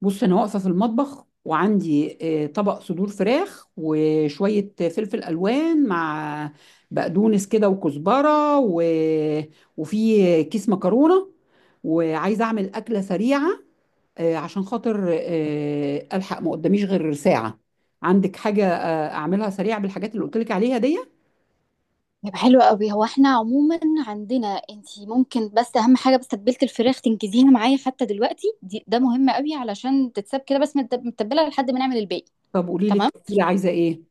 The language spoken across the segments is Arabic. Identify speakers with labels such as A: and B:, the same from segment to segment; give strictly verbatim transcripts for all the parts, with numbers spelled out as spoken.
A: بص انا واقفه في المطبخ وعندي آه، طبق صدور فراخ وشويه فلفل الوان مع بقدونس كده وكزبره و... وفي كيس مكرونه وعايزه اعمل اكله سريعه. آه، عشان خاطر آه، الحق ما قداميش غير ساعه. عندك حاجه آه، اعملها سريعه بالحاجات اللي قلت لك عليها دي؟
B: طب حلو قوي. هو احنا عموما عندنا، انتي ممكن بس اهم حاجه، بس تتبيله الفراخ تنجزيها معايا حتى دلوقتي دي، ده مهم قوي علشان تتساب كده بس متد- متبله لحد ما نعمل الباقي.
A: طب قولي لي
B: تمام،
A: التتبيلة عايزه ايه؟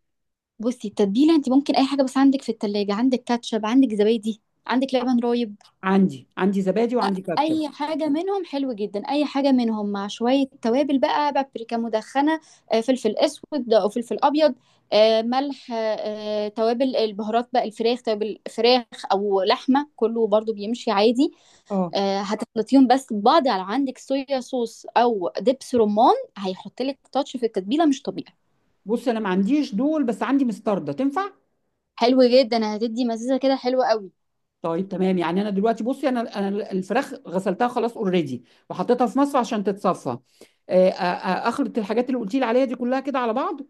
B: بصي التتبيله انتي ممكن اي حاجه، بس عندك في التلاجة، عندك كاتشب، عندك زبادي، عندك لبن رايب.
A: عندي عندي زبادي وعندي كاتشب.
B: اي حاجه منهم حلو جدا. اي حاجه منهم مع شويه توابل بقى، بابريكا مدخنه، آه، فلفل اسود او فلفل ابيض، آه، ملح، آه، توابل البهارات بقى، الفراخ توابل فراخ او لحمه كله برضو بيمشي عادي.
A: اه،
B: آه، هتخلطيهم بس ببعض. على، عندك صويا صوص او دبس رمان، هيحط لك تاتش في التتبيله مش طبيعي.
A: بص انا ما عنديش دول بس عندي مستردة تنفع.
B: حلو جدا، هتدي مزازه كده حلوه قوي.
A: طيب تمام، يعني انا دلوقتي بصي انا انا الفراخ غسلتها خلاص اوريدي، وحطيتها في مصفى عشان تتصفى. آه، آه، آه، اخلط الحاجات اللي قلتي لي عليها دي كلها كده على بعض.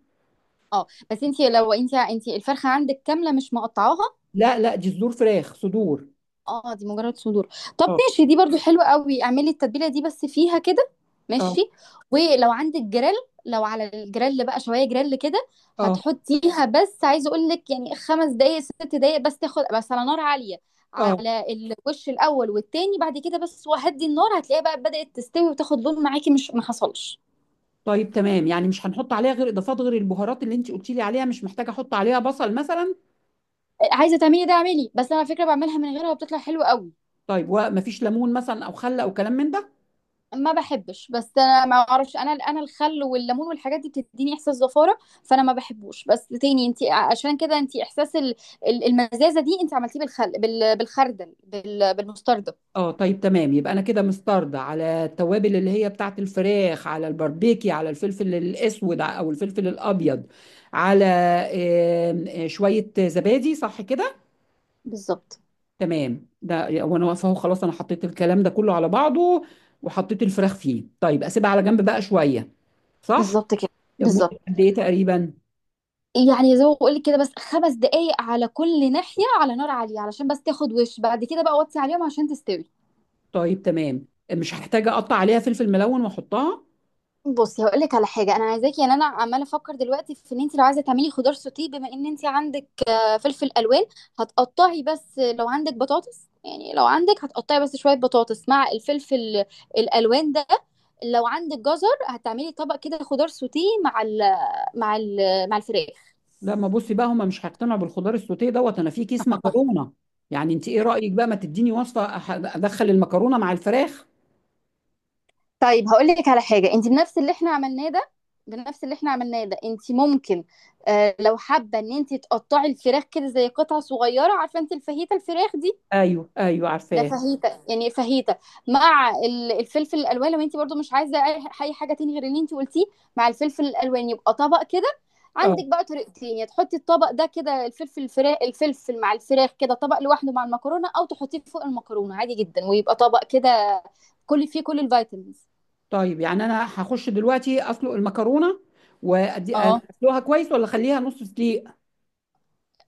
B: اه بس انت، لو انت انت الفرخه عندك كامله مش مقطعاها.
A: لا لا، دي صدور فراخ صدور.
B: اه دي مجرد صدور. طب
A: اه،
B: ماشي، دي برضو حلوة قوي، اعملي التتبيلة دي بس فيها كده. ماشي.
A: اه،
B: ولو عندك جريل، لو على الجريل بقى شوية جريل كده
A: اه،
B: هتحطيها. بس عايزة اقول لك يعني خمس دقايق ست دقايق بس تاخد، بس على نار عالية
A: اه.
B: على الوش الاول والتاني، بعد كده بس وهدي النار هتلاقيها بقى بدأت تستوي وتاخد لون معاكي، مش ما حصلش.
A: طيب تمام، يعني مش هنحط عليها غير اضافات، غير البهارات اللي انت قلتي لي عليها. مش محتاجه احط عليها بصل مثلا؟
B: عايزة تعملي ده اعملي، بس انا على فكرة بعملها من غيرها وبتطلع حلوة قوي.
A: طيب، ومفيش ليمون مثلا او خل او كلام من ده؟
B: ما بحبش، بس انا ما اعرفش، انا انا الخل والليمون والحاجات دي بتديني احساس زفاره، فانا ما بحبوش. بس تاني انت عشان كده انت احساس ال- ال- المزازه دي انت عملتيه بالخل، بال- بالخردل، بال- بالمستردة.
A: اه، طيب تمام، يبقى انا كده مستعرضه على التوابل اللي هي بتاعت الفراخ، على الباربيكي، على الفلفل الاسود ع- او الفلفل الابيض، على آم، آه، شويه زبادي. صح كده؟
B: بالظبط.
A: تمام، ده وانا واقفه اهو خلاص، انا حطيت الكلام ده كله على بعضه وحطيت الفراخ فيه. طيب اسيبها على جنب بقى شويه؟ صح؟
B: بالظبط كده،
A: مدة
B: بالظبط.
A: قد ايه تقريبا؟
B: يعني زي ما بقول لك كده، بس خمس دقايق على كل ناحيه على نار عاليه علشان بس تاخد وش، بعد كده بقى وطي عليهم عشان تستوي.
A: طيب تمام. مش هحتاج اقطع عليها فلفل ملون واحطها؟
B: بصي هقول لك على حاجه، انا عايزاكي يعني، انا عماله افكر دلوقتي في ان انت لو عايزه تعملي خضار سوتيه، بما ان انت عندك آه، فلفل الوان، هتقطعي بس لو عندك بطاطس، يعني لو عندك، هتقطعي بس شويه بطاطس مع الفلفل الالوان ده. لو عندك جزر هتعملي طبق كده خضار سوتيه مع ال مع ال مع الفراخ.
A: لا، ما بصي بقى، هما مش هيقتنعوا بالخضار السوتيه دوت. انا في كيس مكرونه، يعني انت ايه رايك بقى، ما تديني وصفه أح- ادخل المكرونه مع الفراخ؟
B: طيب هقول لك على حاجه، انت بنفس اللي احنا عملناه ده، بنفس اللي احنا عملناه ده انت ممكن آه، لو حابه ان انت تقطعي الفراخ كده زي قطع صغيره، عارفه انت الفاهيتا الفراخ دي،
A: ايوه ايوه،
B: ده
A: عارفاه.
B: فاهيتا، يعني فاهيتا مع ال- الفلفل الالوان، لو انت برضو مش عايزه اي أي حاجه تاني غير اللي انت قلتيه، مع الفلفل الالوان يبقى طبق كده.
A: اه،
B: عندك بقى طريقتين، يا تحطي الطبق ده كده، الفلفل، الفراخ، الفلفل مع الفراخ كده طبق لوحده مع المكرونه، او تحطيه فوق المكرونه عادي جدا ويبقى طبق كده كل فيه كل الفيتامينز.
A: طيب يعني انا هخش دلوقتي اسلق المكرونه، وادي
B: اه
A: اسلقها كويس ولا اخليها نص سليق؟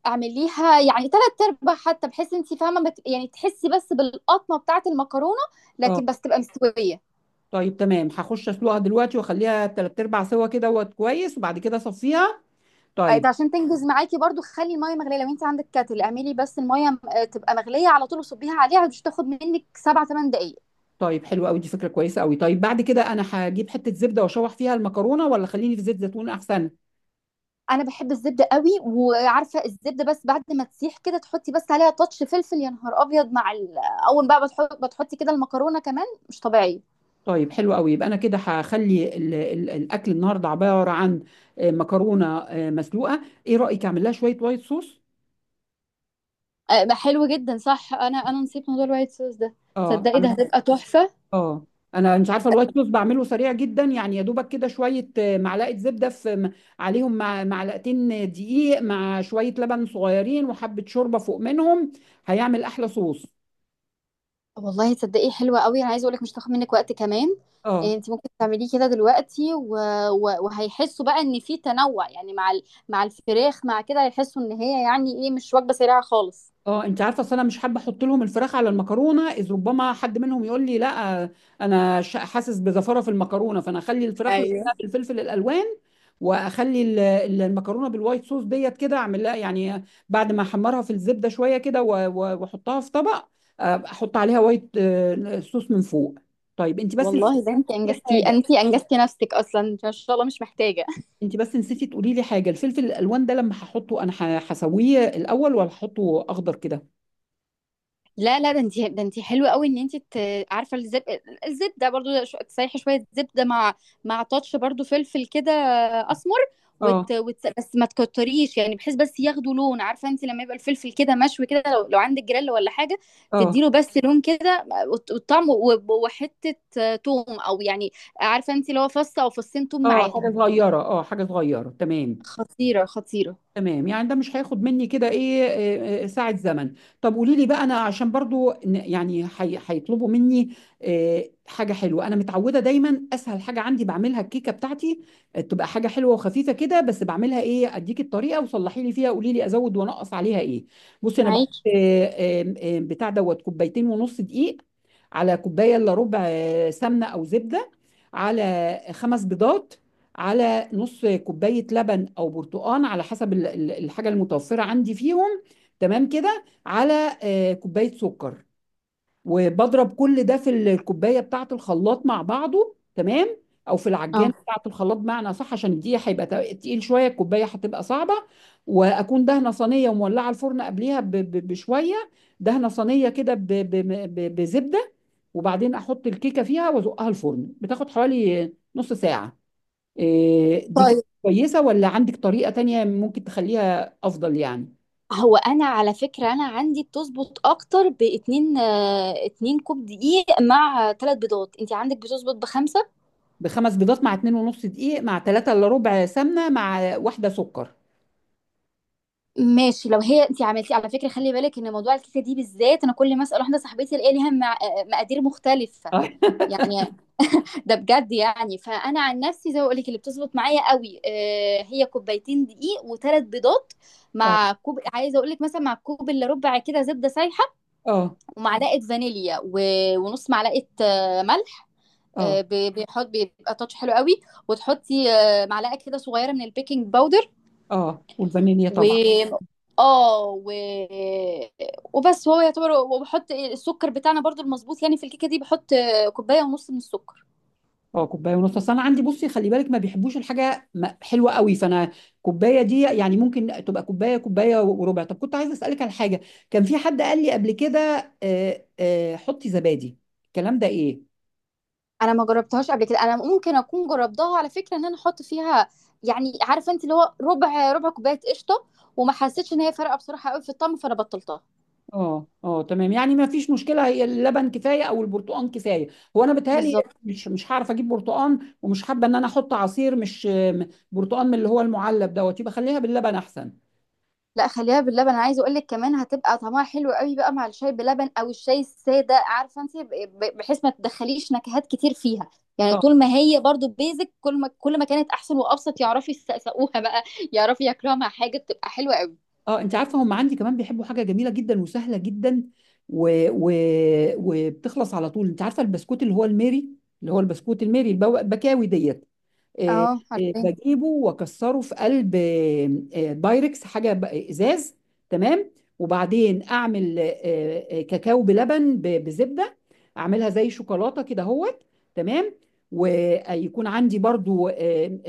B: اعمليها يعني تلات ارباع، حتى بحيث انت فاهمه ما ت- يعني تحسي بس بالقطمه بتاعه المكرونه،
A: اه،
B: لكن بس تبقى مستويه.
A: طيب تمام، هخش اسلقها دلوقتي واخليها تلات ارباع سوا كده وقت كويس وبعد كده اصفيها.
B: أنت
A: طيب.
B: عشان تنجز معاكي برضو، خلي الميه مغليه، لو انت عندك كاتل اعملي بس الميه م- آه، تبقى مغليه على طول وصبيها عليها، مش تاخد منك سبع ثمان دقائق.
A: طيب حلو قوي، دي فكره كويسه قوي. طيب بعد كده انا هجيب حته زبده واشوح فيها المكرونه ولا خليني في زيت زيتون احسن؟
B: انا بحب الزبده قوي، وعارفه الزبده بس بعد ما تسيح كده تحطي بس عليها تاتش فلفل، يا نهار ابيض مع ال... آه، اول بقى بتحط بتحطي كده المكرونه، كمان مش طبيعي.
A: طيب حلو قوي، يبقى انا كده هخلي ال- ال- الاكل النهارده عباره عن آه، مكرونه آه، مسلوقه. ايه رايك اعمل لها شويه وايت صوص؟
B: آه، حلو جدا، صح، انا انا نسيت موضوع الوايت صوص ده،
A: اه،
B: تصدقي ده
A: أعمل-
B: هتبقى تحفه.
A: اه، انا مش عارفه الوايت صوص، بعمله سريع جدا، يعني يا دوبك كده شويه آه، معلقه زبده في م- عليهم، مع معلقتين دقيق، مع شويه لبن صغيرين، وحبه شوربه فوق منهم. هيعمل احلى صوص.
B: والله تصدقي حلوة قوي، انا عايزة اقولك مش هتاخد منك وقت كمان.
A: اه.
B: إيه، انت ممكن تعمليه كده دلوقتي و... و... وهيحسوا بقى ان في تنوع، يعني مع ال... مع الفراخ، مع كده هيحسوا ان هي، يعني ايه، مش وجبة سريعة خالص.
A: اه، انت عارفه اصل انا مش حابه احط لهم الفراخ على المكرونه، اذ ربما حد منهم يقول لي لا، انا ش- حاسس بزفره في المكرونه. فانا اخلي الفراخ
B: ايوه.
A: لوحدها بالفلفل الالوان، واخلي ال- ال- المكرونه بالوايت صوص ديت كده. اعمل لها يعني بعد ما احمرها في الزبده شويه كده و- و- واحطها في طبق، آه، احط عليها وايت آه، صوص من فوق. طيب انت بس نسيتي
B: والله ده انت انجزتي،
A: حاجه،
B: انت انجزتي نفسك اصلا، انت ما شاء الله مش محتاجة.
A: انت بس نسيتي تقولي لي حاجه. الفلفل الالوان ده لما هحطه، انا ه- هسويه الاول ولا هحطه اخضر كده؟
B: لا لا، ده انت، ده انت حلوه قوي ان انت ت- عارفه الزب، الزبده برضو ش- تسيحي شويه زبده مع، مع تاتش برضو فلفل كده اسمر،
A: اه،
B: وت... وت... بس ما تكتريش، يعني بحيث بس ياخدوا لون، عارفه انت لما يبقى الفلفل كده مشوي كده، لو لو عندك جريل ولا حاجه
A: اه،
B: تديله بس لون كده وت- والطعم، و- وحته توم او يعني، عارفه انت اللي هو فص او فصين توم
A: اه، حاجه
B: معاهم،
A: صغيره، اه، حاجه صغيره، تمام.
B: خطيره خطيره.
A: تمام يعني ده مش هياخد مني كده ايه، آه، آه، ساعه زمن؟ طب قولي لي بقى، انا عشان برضو ن- يعني هي- هيطلبوا مني آه، حاجه حلوه. انا متعوده دايما اسهل حاجه عندي بعملها الكيكه بتاعتي، آه، تبقى حاجه حلوه وخفيفه كده. بس بعملها ايه، اديك الطريقه وصلحي لي فيها، قولي لي ازود وانقص عليها ايه. بصي انا بحط
B: معاكي.
A: آه، آه، آه، بتاع دوت كوبايتين ونص دقيق، على كوبايه الا ربع آه، سمنه او زبده، على خمس بيضات، على نص كوبايه لبن او برتقان على حسب ال- ال- الحاجه المتوفره عندي فيهم. تمام كده، على آه، كوبايه سكر. وبضرب كل ده في ال- الكوبايه بتاعه الخلاط مع بعضه، تمام، او في العجانه
B: اه.
A: بتاعه الخلاط بمعنى صح، عشان دي هيبقى تق- تقيل شويه، الكوبايه هتبقى صعبه. واكون دهنه صينيه ومولعه الفرن قبليها ب- ب- بشويه، دهنه صينيه كده ب- ب- ب- بزبده، وبعدين احط الكيكه فيها وازقها الفرن، بتاخد حوالي نص ساعه. إيه، دي كده
B: طيب،
A: كويسة ولا عندك طريقة تانية ممكن تخليها أفضل يعني؟
B: هو انا على فكره انا عندي بتظبط اكتر باتنين، آه، اتنين كوب دقيق مع ثلاث بيضات، انت عندك بتظبط بخمسه.
A: بخمس بيضات مع اتنين ونص دقيق مع تلاتة إلا ربع سمنة مع واحدة سكر.
B: ماشي لو هي انت عملتي، على فكره خلي بالك ان موضوع الكيكه دي بالذات، انا كل ما اسال واحده صاحبتي الاقي ليها مع- آه، مقادير مختلفه
A: اه
B: يعني، ده بجد يعني. فانا عن نفسي زي ما بقول لك، اللي بتظبط معايا قوي آه، هي كوبايتين دقيق وثلاث بيضات،
A: اه،
B: مع كوب عايزه اقول لك، مثلا مع كوب الا ربع كده زبده سايحه،
A: اه،
B: ومعلقه فانيليا، و- ونص معلقه آه، ملح، آه،
A: اه،
B: بي- بيحط بيبقى تاتش حلو قوي، وتحطي آه، معلقه كده صغيره من البيكنج باودر،
A: اه، والفانيليا
B: و،
A: طبعا.
B: اه و... وبس، هو يعتبر. وبحط السكر بتاعنا برضو المظبوط، يعني في الكيكه دي بحط آه، كوبايه ونص من السكر.
A: اه، كوباية ونص. أصل أنا عندي بصي، خلي بالك ما بيحبوش الحاجة م- حلوة قوي، فأنا كوباية دي يعني ممكن تبقى كوباية، كوباية وربع. طب كنت عايزة أسألك على حاجة، كان في حد قال لي قبل كده آه، آه، حطي زبادي. الكلام ده إيه؟
B: انا ما جربتهاش قبل كده، انا ممكن اكون جربتها على فكره، ان انا احط فيها يعني، عارفه انت اللي هو ربع ربع كوبايه قشطه، وما حسيتش ان هي فارقه بصراحه قوي في الطعم فانا بطلتها.
A: اه، اه، تمام، يعني ما فيش مشكله. هي اللبن كفايه او البرتقال كفايه. هو انا بتهيألي
B: بالظبط.
A: مش مش هعرف اجيب برتقال، ومش حابه ان انا احط عصير مش م- برتقال من اللي هو المعلب دوت. يبقى خليها باللبن احسن.
B: لا خليها باللبن، انا عايزه اقول لك كمان هتبقى طعمها حلو قوي بقى مع الشاي بلبن او الشاي الساده، عارفه انت ب- ب- بحيث ما تدخليش نكهات كتير فيها، يعني
A: اه،
B: طول ما هي برضو بيزك، كل ما كل ما كانت احسن وابسط يعرفوا يسقسقوها بقى، يعرفوا ياكلوها مع حاجه بتبقى حلوه قوي.
A: اه، انت عارفه هم عندي كمان بيحبوا حاجه جميله جدا وسهله جدا و... و... وبتخلص على طول. انت عارفه البسكوت اللي هو الميري، اللي هو البسكوت الميري البو- البكاوي ديت. آه،
B: اه
A: آه،
B: عارفين.
A: بجيبه واكسره في قلب آه، آه، بايركس، حاجه ب- ازاز. تمام. وبعدين اعمل آه، آه، كاكاو بلبن ب- بزبده، اعملها زي شوكولاته كده اهوت. تمام. ويكون عندي برضو آم،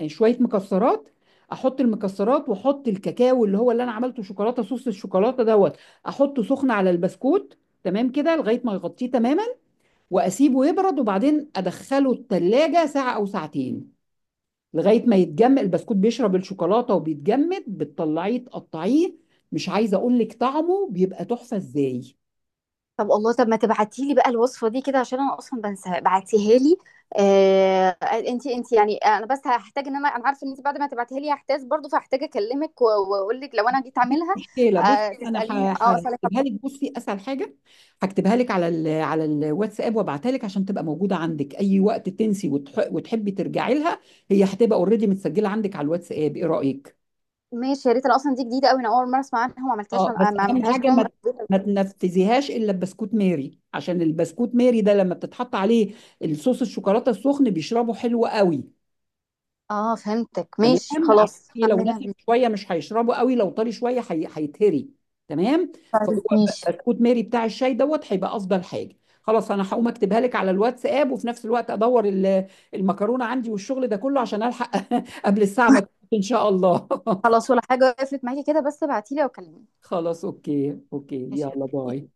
A: آم، شويه مكسرات. احط المكسرات واحط الكاكاو اللي هو اللي انا عملته شوكولاته، صوص الشوكولاته دوت، احطه سخن على البسكوت. تمام كده لغايه ما يغطيه تماما. واسيبه يبرد وبعدين ادخله التلاجة ساعه او ساعتين لغاية ما يتجمد. البسكوت بيشرب الشوكولاتة وبيتجمد، بتطلعيه تقطعيه. مش عايزة أقول لك طعمه بيبقى تحفة إزاي.
B: طب الله، طب ما تبعتي لي بقى الوصفه دي كده، عشان انا اصلا بنساها، بعتيها لي. آه، انت انت يعني، انا بس هحتاج ان انا انا عارفه، ان انت بعد ما تبعتيها لي هحتاج برضو، فهحتاج اكلمك و- واقول لك لو انا جيت اعملها.
A: مشكلة، بصي
B: آه
A: أنا
B: تساليني،
A: ه-
B: اه اسالك.
A: هكتبها لك. بصي أسهل حاجة، هكتبها لك على ال على الواتساب وابعتها لك عشان تبقى موجودة عندك أي وقت تنسي وتح- وتحبي ترجعي لها. هي هتبقى اوريدي متسجلة عندك على الواتساب. إيه رأيك؟
B: ماشي يا ريت، أنا اصلا دي جديده قوي، انا اول مره اسمع عنها وما عملتهاش،
A: اه، بس
B: عن- ما
A: اهم
B: عملتهاش
A: حاجه
B: يوم.
A: ما ما تنفذيهاش الا ببسكوت ماري. عشان البسكوت ماري ده لما بتتحط عليه الصوص الشوكولاته السخن بيشربه حلو قوي.
B: اه فهمتك، ماشي
A: تمام، عشان
B: خلاص
A: إيه؟ لو
B: هعملها
A: ناشف
B: بيه.
A: شويه مش هيشربه قوي، لو طري شويه هي- هيتهري. تمام. فهو
B: طيب
A: ب-
B: ماشي.
A: بسكوت ماري بتاع الشاي دوت هيبقى افضل حاجه. خلاص انا هقوم اكتبها لك على الواتساب، وفي نفس الوقت ادور ال- المكرونه عندي والشغل ده كله عشان الحق قبل الساعه ما تكون ان شاء الله
B: خلاص ولا حاجه، قفلت معاكي كده، بس ابعتيلي او كلميني.
A: خلاص، اوكي اوكي، يلا
B: ماشي.
A: باي.